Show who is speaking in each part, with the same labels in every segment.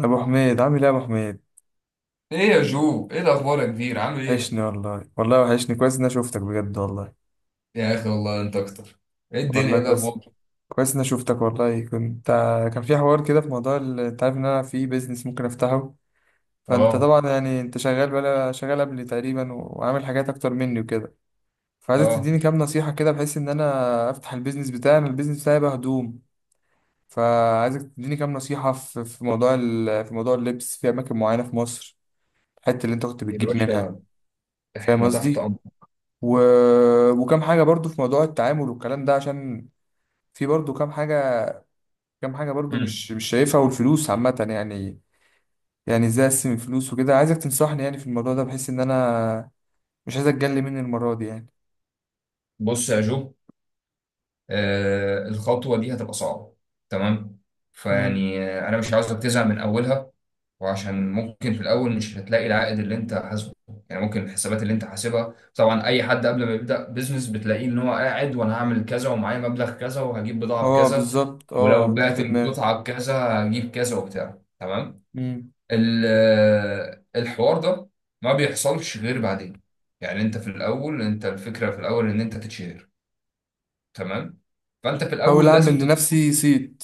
Speaker 1: ابو حميد عامل ايه يا ابو حميد؟
Speaker 2: ايه يا جو؟ ايه الاخبار يا كبير؟ عامل ايه؟
Speaker 1: وحشني والله، والله وحشني. كويس اني شوفتك بجد والله.
Speaker 2: يا اخي والله انت اكتر. ايه الدنيا؟
Speaker 1: والله
Speaker 2: ايه
Speaker 1: كويس.
Speaker 2: الاخبار؟
Speaker 1: كويس اني شوفتك والله. كان في حوار كده في موضوع انت عارف ان انا في بيزنس ممكن افتحه. فانت
Speaker 2: اه،
Speaker 1: طبعا يعني انت شغال، بقى شغال قبلي تقريبا وعامل حاجات اكتر مني وكده. فعايزك تديني
Speaker 2: اه،
Speaker 1: كام نصيحة كده، بحيث ان انا افتح البيزنس بتاعي، أنا البيزنس بتاعي بقى هدوم. فعايزك تديني كام نصيحة في موضوع في موضوع اللبس في اماكن معينة في مصر، الحتة اللي انت كنت
Speaker 2: يا
Speaker 1: بتجيب منها.
Speaker 2: باشا
Speaker 1: فاهم
Speaker 2: احنا تحت
Speaker 1: قصدي.
Speaker 2: امر.
Speaker 1: و... وكم حاجة برضو في موضوع التعامل والكلام ده، عشان في برضو كم حاجة، كم حاجة برضو
Speaker 2: امم.
Speaker 1: مش شايفها. والفلوس عامة يعني، يعني ازاي اقسم الفلوس وكده. عايزك تنصحني يعني في الموضوع ده، بحيث ان انا مش عايز اتجلي مني المرة دي يعني.
Speaker 2: بص يا جو، آه الخطوه دي هتبقى صعبه، تمام؟
Speaker 1: مم.
Speaker 2: فيعني انا مش عاوزك تزهق من اولها، وعشان ممكن في الاول مش هتلاقي العائد اللي انت حاسبه. يعني ممكن الحسابات اللي انت حاسبها، طبعا اي حد قبل ما يبدا بيزنس بتلاقيه ان هو قاعد وانا هعمل كذا ومعايا مبلغ كذا وهجيب بضاعه
Speaker 1: اه
Speaker 2: بكذا،
Speaker 1: بالظبط،
Speaker 2: ولو
Speaker 1: اه ده اللي
Speaker 2: بعت
Speaker 1: في دماغي.
Speaker 2: القطعة بكذا هجيب كذا وبتاع، تمام؟
Speaker 1: مم.
Speaker 2: ال- الحوار ده ما بيحصلش غير بعدين. يعني انت في الاول، انت الفكرة في الاول ان انت تتشهر، تمام؟ فانت في
Speaker 1: حاول
Speaker 2: الاول
Speaker 1: اعمل
Speaker 2: لازم تدور
Speaker 1: لنفسي صيت.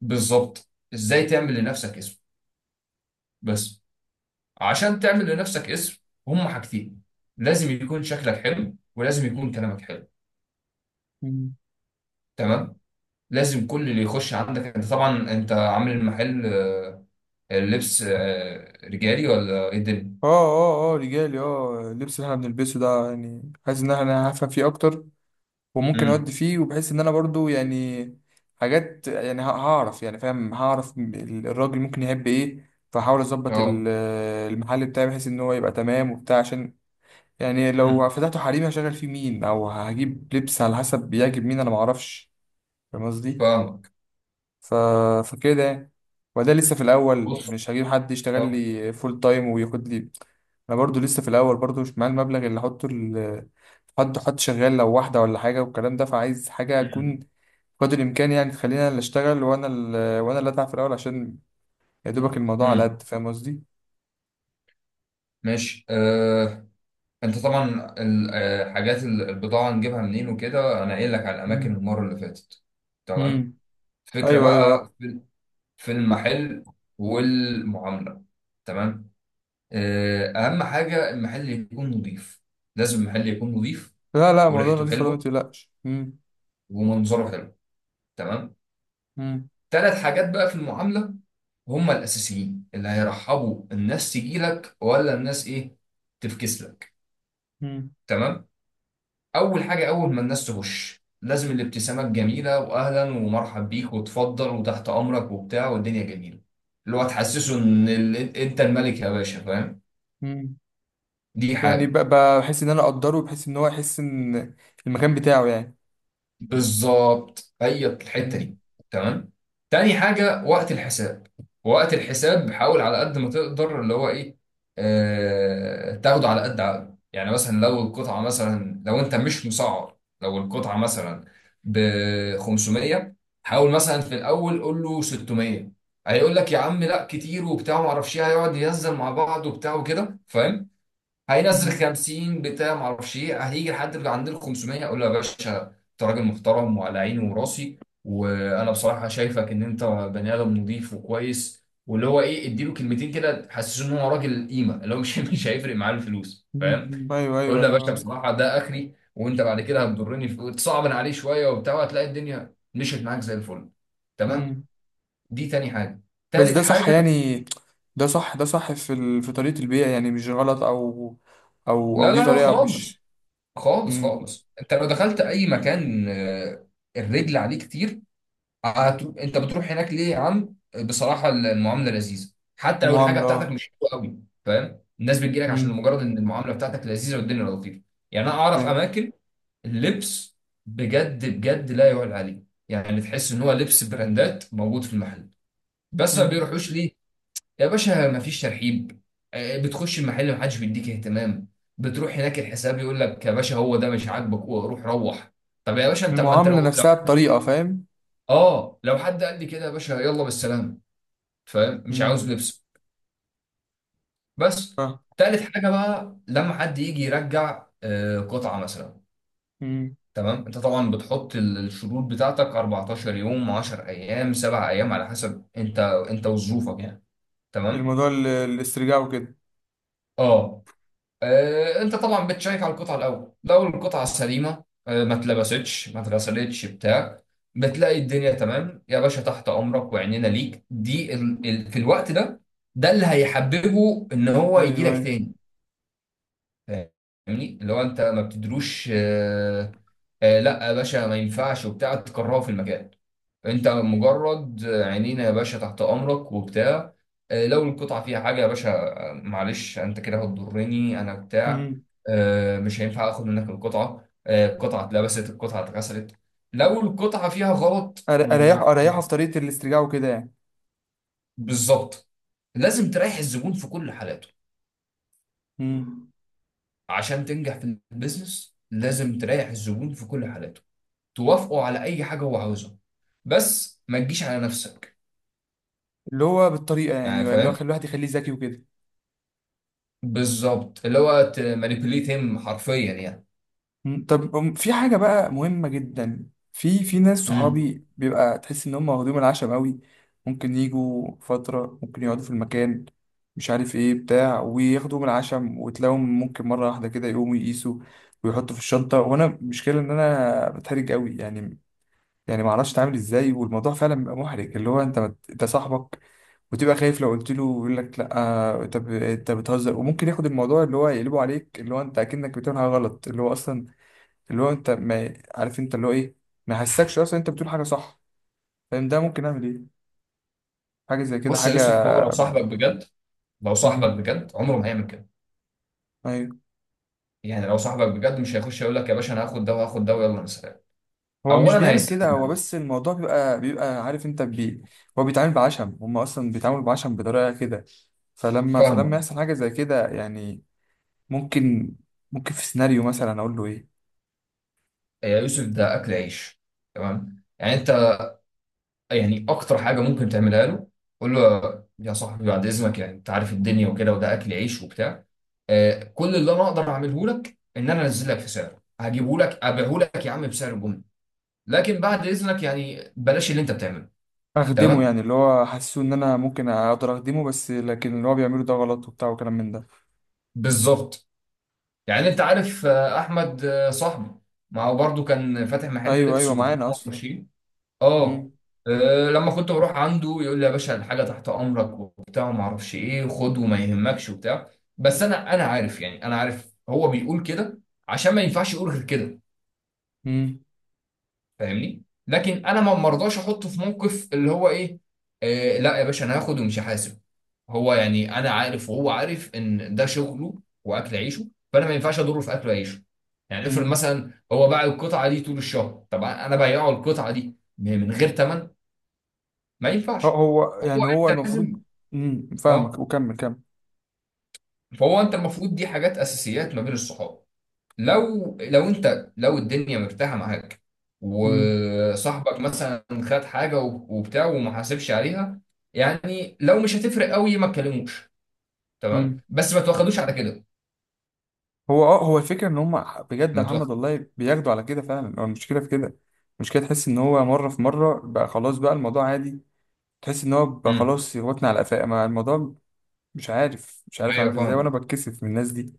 Speaker 2: بالظبط، ازاي تعمل لنفسك اسم. بس عشان تعمل لنفسك اسم هما حاجتين: لازم يكون شكلك حلو ولازم يكون كلامك حلو،
Speaker 1: مم.
Speaker 2: تمام؟ لازم كل اللي يخش عندك، انت طبعا انت عامل المحل اللبس رجالي ولا ايه الدنيا؟
Speaker 1: اه اه اه رجالي، اه اللبس اللي احنا بنلبسه ده يعني، حاسس ان انا هفهم فيه اكتر وممكن
Speaker 2: امم.
Speaker 1: اودي فيه، وبحس ان انا برضو يعني حاجات يعني، هعرف يعني، فاهم، هعرف الراجل ممكن يحب ايه. فحاول اظبط
Speaker 2: اه.
Speaker 1: المحل بتاعي، بحيث ان هو يبقى تمام وبتاع، عشان يعني
Speaker 2: امم.
Speaker 1: لو فتحته حريمي هشغل فيه مين، او هجيب لبس على حسب بيعجب مين، انا معرفش. فاهم قصدي.
Speaker 2: فاهمك.
Speaker 1: ف... فكده يعني. وده لسه في الاول،
Speaker 2: بص.
Speaker 1: مش هجيب حد يشتغل
Speaker 2: اه.
Speaker 1: لي فول تايم وياخد لي. انا برضو لسه في الاول، برضو مش معايا المبلغ اللي احطه حد، حد شغال لو واحدة ولا حاجة والكلام ده. فعايز حاجة أكون
Speaker 2: امم.
Speaker 1: قدر الامكان يعني تخلينا اللي اشتغل، وانا اللي وانا اللي اتعب في الاول، عشان يا دوبك الموضوع على
Speaker 2: امم.
Speaker 1: قد... فاهم قصدي.
Speaker 2: ماشي آه. انت طبعا الحاجات، البضاعه نجيبها منين وكده انا قايل لك على الاماكن
Speaker 1: مم.
Speaker 2: المره اللي فاتت، تمام.
Speaker 1: امم.
Speaker 2: الفكره
Speaker 1: ايوه ايوه اه.
Speaker 2: بقى في في المحل والمعامله، تمام. آه. اهم حاجه المحل يكون نظيف. لازم المحل يكون نظيف
Speaker 1: لا لا، موضوع
Speaker 2: وريحته
Speaker 1: نظيف والله ما
Speaker 2: حلوه
Speaker 1: تقلقش. امم.
Speaker 2: ومنظره حلو، تمام.
Speaker 1: امم.
Speaker 2: ثلاث حاجات بقى في المعاملة هم الأساسيين اللي هيرحبوا الناس تجيلك ولا الناس إيه، تفكس لك،
Speaker 1: امم.
Speaker 2: تمام. أول حاجة، أول ما الناس تخش لازم الابتسامة الجميلة، وأهلا ومرحب بيك، وتفضل، وتحت أمرك، وبتاع، والدنيا جميلة. اللي هو تحسسه إن أنت الملك يا باشا، فاهم؟
Speaker 1: امم.
Speaker 2: دي
Speaker 1: يعني
Speaker 2: حاجة.
Speaker 1: بحس ان انا اقدره، بحس ان هو يحس ان المكان بتاعه يعني.
Speaker 2: بالظبط، هي الحته
Speaker 1: امم.
Speaker 2: دي، تمام. تاني حاجه وقت الحساب. وقت الحساب حاول على قد ما تقدر اللي هو ايه، آه تاخده على قد عقله. يعني مثلا لو القطعه، مثلا لو انت مش مسعر، لو القطعه مثلا ب 500، حاول مثلا في الاول قول له 600. هيقول لك يا عم لا، كتير وبتاع ما اعرفش ايه، هيقعد يهزر مع بعض وبتاع وكده، فاهم؟ هينزل
Speaker 1: مم.
Speaker 2: 50، بتاع ما اعرفش ايه، هيجي لحد عند ال 500، اقول له يا باشا انت راجل محترم وعلى عيني وراسي، وانا بصراحه شايفك ان انت بني ادم نضيف وكويس، واللي هو ايه، اديله كلمتين كده تحسسه ان هو راجل قيمه، اللي هو مش مش هيفرق معاه الفلوس،
Speaker 1: مم.
Speaker 2: فاهم؟
Speaker 1: ايوه
Speaker 2: اقول
Speaker 1: ايوه
Speaker 2: له يا باشا
Speaker 1: ايوه.
Speaker 2: بصراحه ده اخري، وانت بعد كده هتضرني، في تصعبن عليه شويه وبتاع، وهتلاقي الدنيا مشيت معاك زي الفل، تمام.
Speaker 1: امم.
Speaker 2: دي تاني حاجه.
Speaker 1: بس
Speaker 2: تالت
Speaker 1: ده صح
Speaker 2: حاجه.
Speaker 1: يعني؟ ده صح، ده صح في في طريقة البيع يعني، مش غلط؟ او
Speaker 2: لا،
Speaker 1: دي
Speaker 2: لا، لا،
Speaker 1: طريقة مش...
Speaker 2: خالص. خالص
Speaker 1: امم.
Speaker 2: خالص. انت لو دخلت اي مكان الرجل عليه كتير. انت بتروح هناك ليه يا عم؟ بصراحه المعامله لذيذه، حتى لو الحاجه بتاعتك
Speaker 1: المعاملة.
Speaker 2: مش حلوه قوي، فاهم؟ الناس بتجي لك عشان
Speaker 1: امم.
Speaker 2: مجرد ان المعامله بتاعتك لذيذه والدنيا لطيفه. يعني انا اعرف اماكن اللبس بجد بجد لا يعلى عليه، يعني تحس ان هو لبس براندات موجود في المحل، بس ما
Speaker 1: مم.
Speaker 2: بيروحوش ليه؟ يا باشا مفيش ترحيب. بتخش المحل محدش بيديك اهتمام. بتروح هناك، الحساب يقول لك يا باشا هو ده مش عاجبك روح، روح. طب يا باشا انت، ما انت
Speaker 1: المعاملة
Speaker 2: لو, لو
Speaker 1: نفسها بطريقة، فاهم.
Speaker 2: اه لو حد قال لي كده يا باشا يلا بالسلامه، فاهم؟ مش
Speaker 1: مم.
Speaker 2: عاوز لبس. بس. تالت حاجه بقى لما حد يجي يرجع قطعه مثلا،
Speaker 1: مم.
Speaker 2: تمام. انت طبعا بتحط الشروط بتاعتك 14 يوم، 10 ايام، 7 ايام، على حسب انت، انت وظروفك يعني، تمام.
Speaker 1: الموضوع الاسترجاع وكده.
Speaker 2: اه. انت طبعا بتشيك على القطعه الاول، لو القطعه سليمه ما اتلبستش ما اتغسلتش بتاع بتلاقي الدنيا تمام يا باشا، تحت امرك وعينينا ليك. دي في الوقت ده، ده اللي هيحببه ان هو يجي
Speaker 1: ايوه
Speaker 2: لك
Speaker 1: ايوه.
Speaker 2: تاني، فاهمني؟ اللي هو انت ما بتدروش لا يا باشا ما ينفعش وبتاع تكرهه في المكان. انت مجرد عينينا يا باشا تحت امرك وبتاع. لو القطعه فيها حاجه يا باشا معلش انت كده هتضرني انا، بتاع
Speaker 1: مم.
Speaker 2: مش هينفع اخد منك القطعه القطعه اتلبست، القطعه اتغسلت. لو القطعه فيها غلط،
Speaker 1: اريحه في طريقة الاسترجاع وكده يعني.
Speaker 2: وبالظبط، لازم تريح الزبون في كل حالاته.
Speaker 1: مم.
Speaker 2: عشان تنجح في البيزنس لازم تريح الزبون في كل حالاته، توافقه على اي حاجه هو عاوزها، بس ما تجيش على نفسك.
Speaker 1: اللي هو بالطريقة
Speaker 2: يعني
Speaker 1: يعني، اللي هو
Speaker 2: فاهم؟
Speaker 1: خلي الواحد يخليه ذكي وكده.
Speaker 2: بالظبط، اللي هو تمانيبيوليت هيم حرفيا يعني.
Speaker 1: مم. طب في حاجة بقى مهمة جدا، في ناس
Speaker 2: امم.
Speaker 1: صحابي بيبقى تحس إن هم واخدين العشم قوي. ممكن يجوا فترة، ممكن يقعدوا في المكان مش عارف إيه بتاع، وياخدوا من العشم. وتلاقيهم ممكن مرة واحدة كده يقوموا يقيسوا ويحطوا في الشنطة. وأنا مشكلة إن أنا بتحرج قوي يعني، يعني ما اعرفش اتعامل ازاي. والموضوع فعلا بيبقى محرج، اللي هو انت انت صاحبك وتبقى خايف، لو قلت له يقول لك لا، انت انت بتهزر. وممكن ياخد الموضوع اللي هو يقلبه عليك، اللي هو انت اكنك بتعمل حاجه غلط، اللي هو اصلا، اللي هو انت ما عارف انت اللي هو ايه. ما يحسكش اصلا انت بتقول حاجه صح، فاهم؟ ده ممكن اعمل ايه؟ حاجه زي كده،
Speaker 2: بص يا
Speaker 1: حاجه...
Speaker 2: يوسف، هو لو صاحبك بجد، لو صاحبك
Speaker 1: امم.
Speaker 2: بجد عمره ما هيعمل كده.
Speaker 1: ايوه.
Speaker 2: يعني لو صاحبك بجد مش هيخش يقول لك يا باشا انا هاخد ده وهاخد ده ويلا مسافر.
Speaker 1: هو مش
Speaker 2: اولا
Speaker 1: بيعمل كده، هو
Speaker 2: هيستأذنك.
Speaker 1: بس الموضوع بيبقى، عارف انت بي... هو بيتعامل بعشم، هم اصلا بيتعاملوا بعشم بطريقه كده. فلما
Speaker 2: فاهمه.
Speaker 1: يحصل حاجه زي كده يعني، ممكن ممكن في سيناريو مثلا اقول له ايه.
Speaker 2: يا يوسف ده اكل عيش، تمام. يعني انت، يعني اكتر حاجه ممكن تعملها له، قول له يا صاحبي بعد اذنك، يعني انت عارف الدنيا وكده، وده اكل عيش وبتاع. كل اللي انا اقدر اعمله لك ان انا انزل لك في سعره، هجيبه لك ابيعه لك يا عم بسعر، لكن بعد اذنك يعني بلاش اللي انت بتعمله،
Speaker 1: اخدمه
Speaker 2: تمام.
Speaker 1: يعني، اللي هو حاسه ان انا ممكن اقدر اخدمه، بس لكن اللي هو بيعمله ده غلط وبتاع وكلام من ده.
Speaker 2: بالظبط. يعني انت عارف احمد صاحبي، ما هو برضه كان فاتح محل
Speaker 1: ايوه
Speaker 2: لبس
Speaker 1: ايوه
Speaker 2: وبتاع،
Speaker 1: معانا اصلا.
Speaker 2: ماشي. اه.
Speaker 1: امم.
Speaker 2: لما كنت بروح عنده يقول لي يا باشا الحاجه تحت امرك وبتاع وما اعرفش ايه، وخد وما يهمكش وبتاع. بس انا عارف يعني، انا عارف هو بيقول كده عشان ما ينفعش يقول غير كده، فاهمني؟ لكن انا ما مرضاش احطه في موقف اللي هو ايه، آه لا يا باشا انا هاخد ومش هحاسب. هو يعني انا عارف وهو عارف ان ده شغله واكل عيشه، فانا ما ينفعش اضره في اكل عيشه. يعني افرض
Speaker 1: امم.
Speaker 2: مثلا هو باع القطعه دي طول الشهر، طب انا بايعه القطعه دي من غير ثمن، ما ينفعش.
Speaker 1: هو
Speaker 2: فهو،
Speaker 1: يعني هو
Speaker 2: انت
Speaker 1: المفروض.
Speaker 2: لازم،
Speaker 1: امم، فاهمك
Speaker 2: اه،
Speaker 1: وكمل كمل.
Speaker 2: فهو انت المفروض دي حاجات اساسيات ما بين الصحاب. لو انت، لو الدنيا مرتاحه معاك
Speaker 1: امم.
Speaker 2: وصاحبك مثلا خد حاجه وبتاع وما حاسبش عليها، يعني لو مش هتفرق قوي ما تكلموش، تمام،
Speaker 1: امم.
Speaker 2: بس ما تواخدوش على كده.
Speaker 1: هو الفكره ان هم بجد يا
Speaker 2: ما
Speaker 1: محمد
Speaker 2: تواخد.
Speaker 1: والله بياخدوا على كده فعلا. هو المشكله في كده. المشكله تحس ان هو مره في مره بقى خلاص، بقى الموضوع عادي. تحس ان هو بقى
Speaker 2: امم.
Speaker 1: خلاص يغوتنا على قفاه، ما الموضوع... مش عارف
Speaker 2: ايوه
Speaker 1: اعمل ازاي، وانا
Speaker 2: فاهم.
Speaker 1: بتكسف من الناس دي.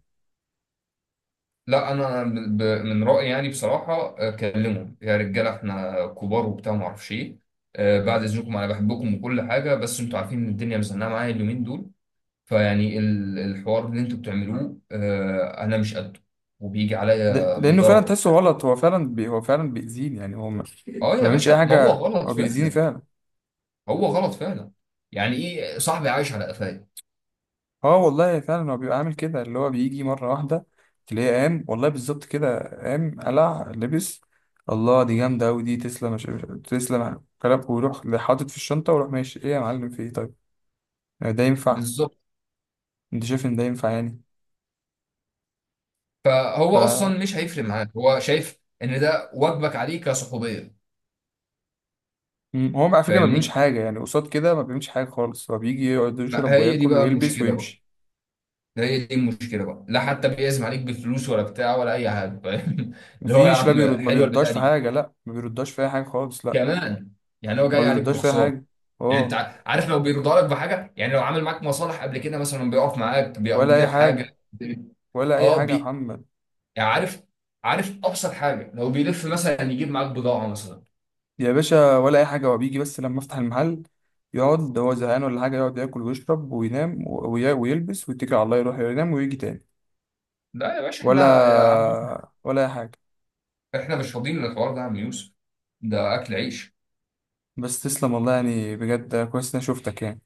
Speaker 2: لا انا من رايي يعني بصراحه كلمهم يا رجاله احنا كبار وبتاع ما اعرفش ايه، بعد اذنكم انا بحبكم وكل حاجه، بس انتوا عارفين ان الدنيا مزنقه معايا اليومين دول، فيعني الحوار اللي انتوا بتعملوه انا مش قده، وبيجي عليا
Speaker 1: لانه فعلا
Speaker 2: بضرر
Speaker 1: تحسه
Speaker 2: وبتاع.
Speaker 1: غلط، هو فعلا بيأذيني يعني. هو ما
Speaker 2: اه يا
Speaker 1: بيعملش اي
Speaker 2: باشا ما هو
Speaker 1: حاجه،
Speaker 2: غلط
Speaker 1: هو بيأذيني
Speaker 2: فعلا.
Speaker 1: فعلا.
Speaker 2: هو غلط فعلا. يعني ايه صاحبي عايش على قفايا؟
Speaker 1: اه والله فعلا هو بيبقى عامل كده، اللي هو بيجي مرة واحدة تلاقيه قام، والله بالظبط كده قام قلع لبس. الله، دي جامدة أوي، دي تسلم، تسلم كلام. ويروح حاطط في الشنطة ويروح ماشي. ايه يا معلم، في ايه طيب. يعني ده ينفع؟
Speaker 2: بالظبط.
Speaker 1: انت شايف ان ده ينفع يعني؟ ف
Speaker 2: فهو اصلا مش هيفرق معاك، هو شايف ان ده واجبك عليه كصحوبيه،
Speaker 1: هو على فكرة ما بيعملش
Speaker 2: فاهمني؟
Speaker 1: حاجة يعني قصاد كده، ما بيعملش حاجة خالص. هو بيجي يقعد
Speaker 2: ما
Speaker 1: يشرب
Speaker 2: هي دي
Speaker 1: وياكل
Speaker 2: بقى
Speaker 1: ويلبس
Speaker 2: المشكله بقى.
Speaker 1: ويمشي.
Speaker 2: هي دي المشكله بقى. لا حتى بيعزم عليك بفلوس، ولا بتاع، ولا اي حاجه، فاهم؟ اللي هو يا
Speaker 1: مفيش، لا
Speaker 2: عم
Speaker 1: بيرد، ما
Speaker 2: حلوه
Speaker 1: بيرداش
Speaker 2: البتاع
Speaker 1: في
Speaker 2: دي.
Speaker 1: حاجة. لا ما بيرداش في أي حاجة خالص، لا.
Speaker 2: كمان. يعني هو
Speaker 1: ما
Speaker 2: جاي عليك
Speaker 1: بيرداش في أي
Speaker 2: بخساره.
Speaker 1: حاجة.
Speaker 2: يعني انت
Speaker 1: اه.
Speaker 2: عارف لو بيرضى لك بحاجه، يعني لو عامل معاك مصالح قبل كده مثلا، بيقف معاك
Speaker 1: ولا
Speaker 2: بيقضي
Speaker 1: أي
Speaker 2: لك حاجه.
Speaker 1: حاجة. ولا أي
Speaker 2: اه
Speaker 1: حاجة يا
Speaker 2: بي،
Speaker 1: محمد.
Speaker 2: يعني عارف، عارف ابسط حاجه، لو بيلف مثلا يجيب معاك بضاعه مثلا.
Speaker 1: يا باشا ولا اي حاجه. هو بيجي بس لما افتح المحل يقعد هو زهقان ولا حاجه، يقعد ياكل ويشرب وينام ويلبس، ويتكل على الله يروح ينام ويجي تاني.
Speaker 2: لا يا باشا، احنا
Speaker 1: ولا
Speaker 2: يا عم يوسف،
Speaker 1: ولا اي حاجه.
Speaker 2: احنا مش فاضيين للحوار ده يا عم يوسف، ده اكل عيش.
Speaker 1: بس تسلم والله، يعني بجد كويس اني شفتك يعني.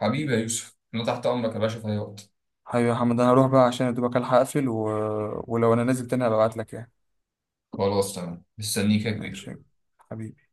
Speaker 2: حبيبي يا يوسف انا تحت امرك يا باشا في اي وقت.
Speaker 1: حبيبي يا محمد، انا هروح بقى عشان ادوبك الحق اقفل، ولو انا نازل تاني هبقى ابعت لك يعني.
Speaker 2: خلاص تمام، مستنيك يا
Speaker 1: ماشي
Speaker 2: كبير.
Speaker 1: يا حبيبي.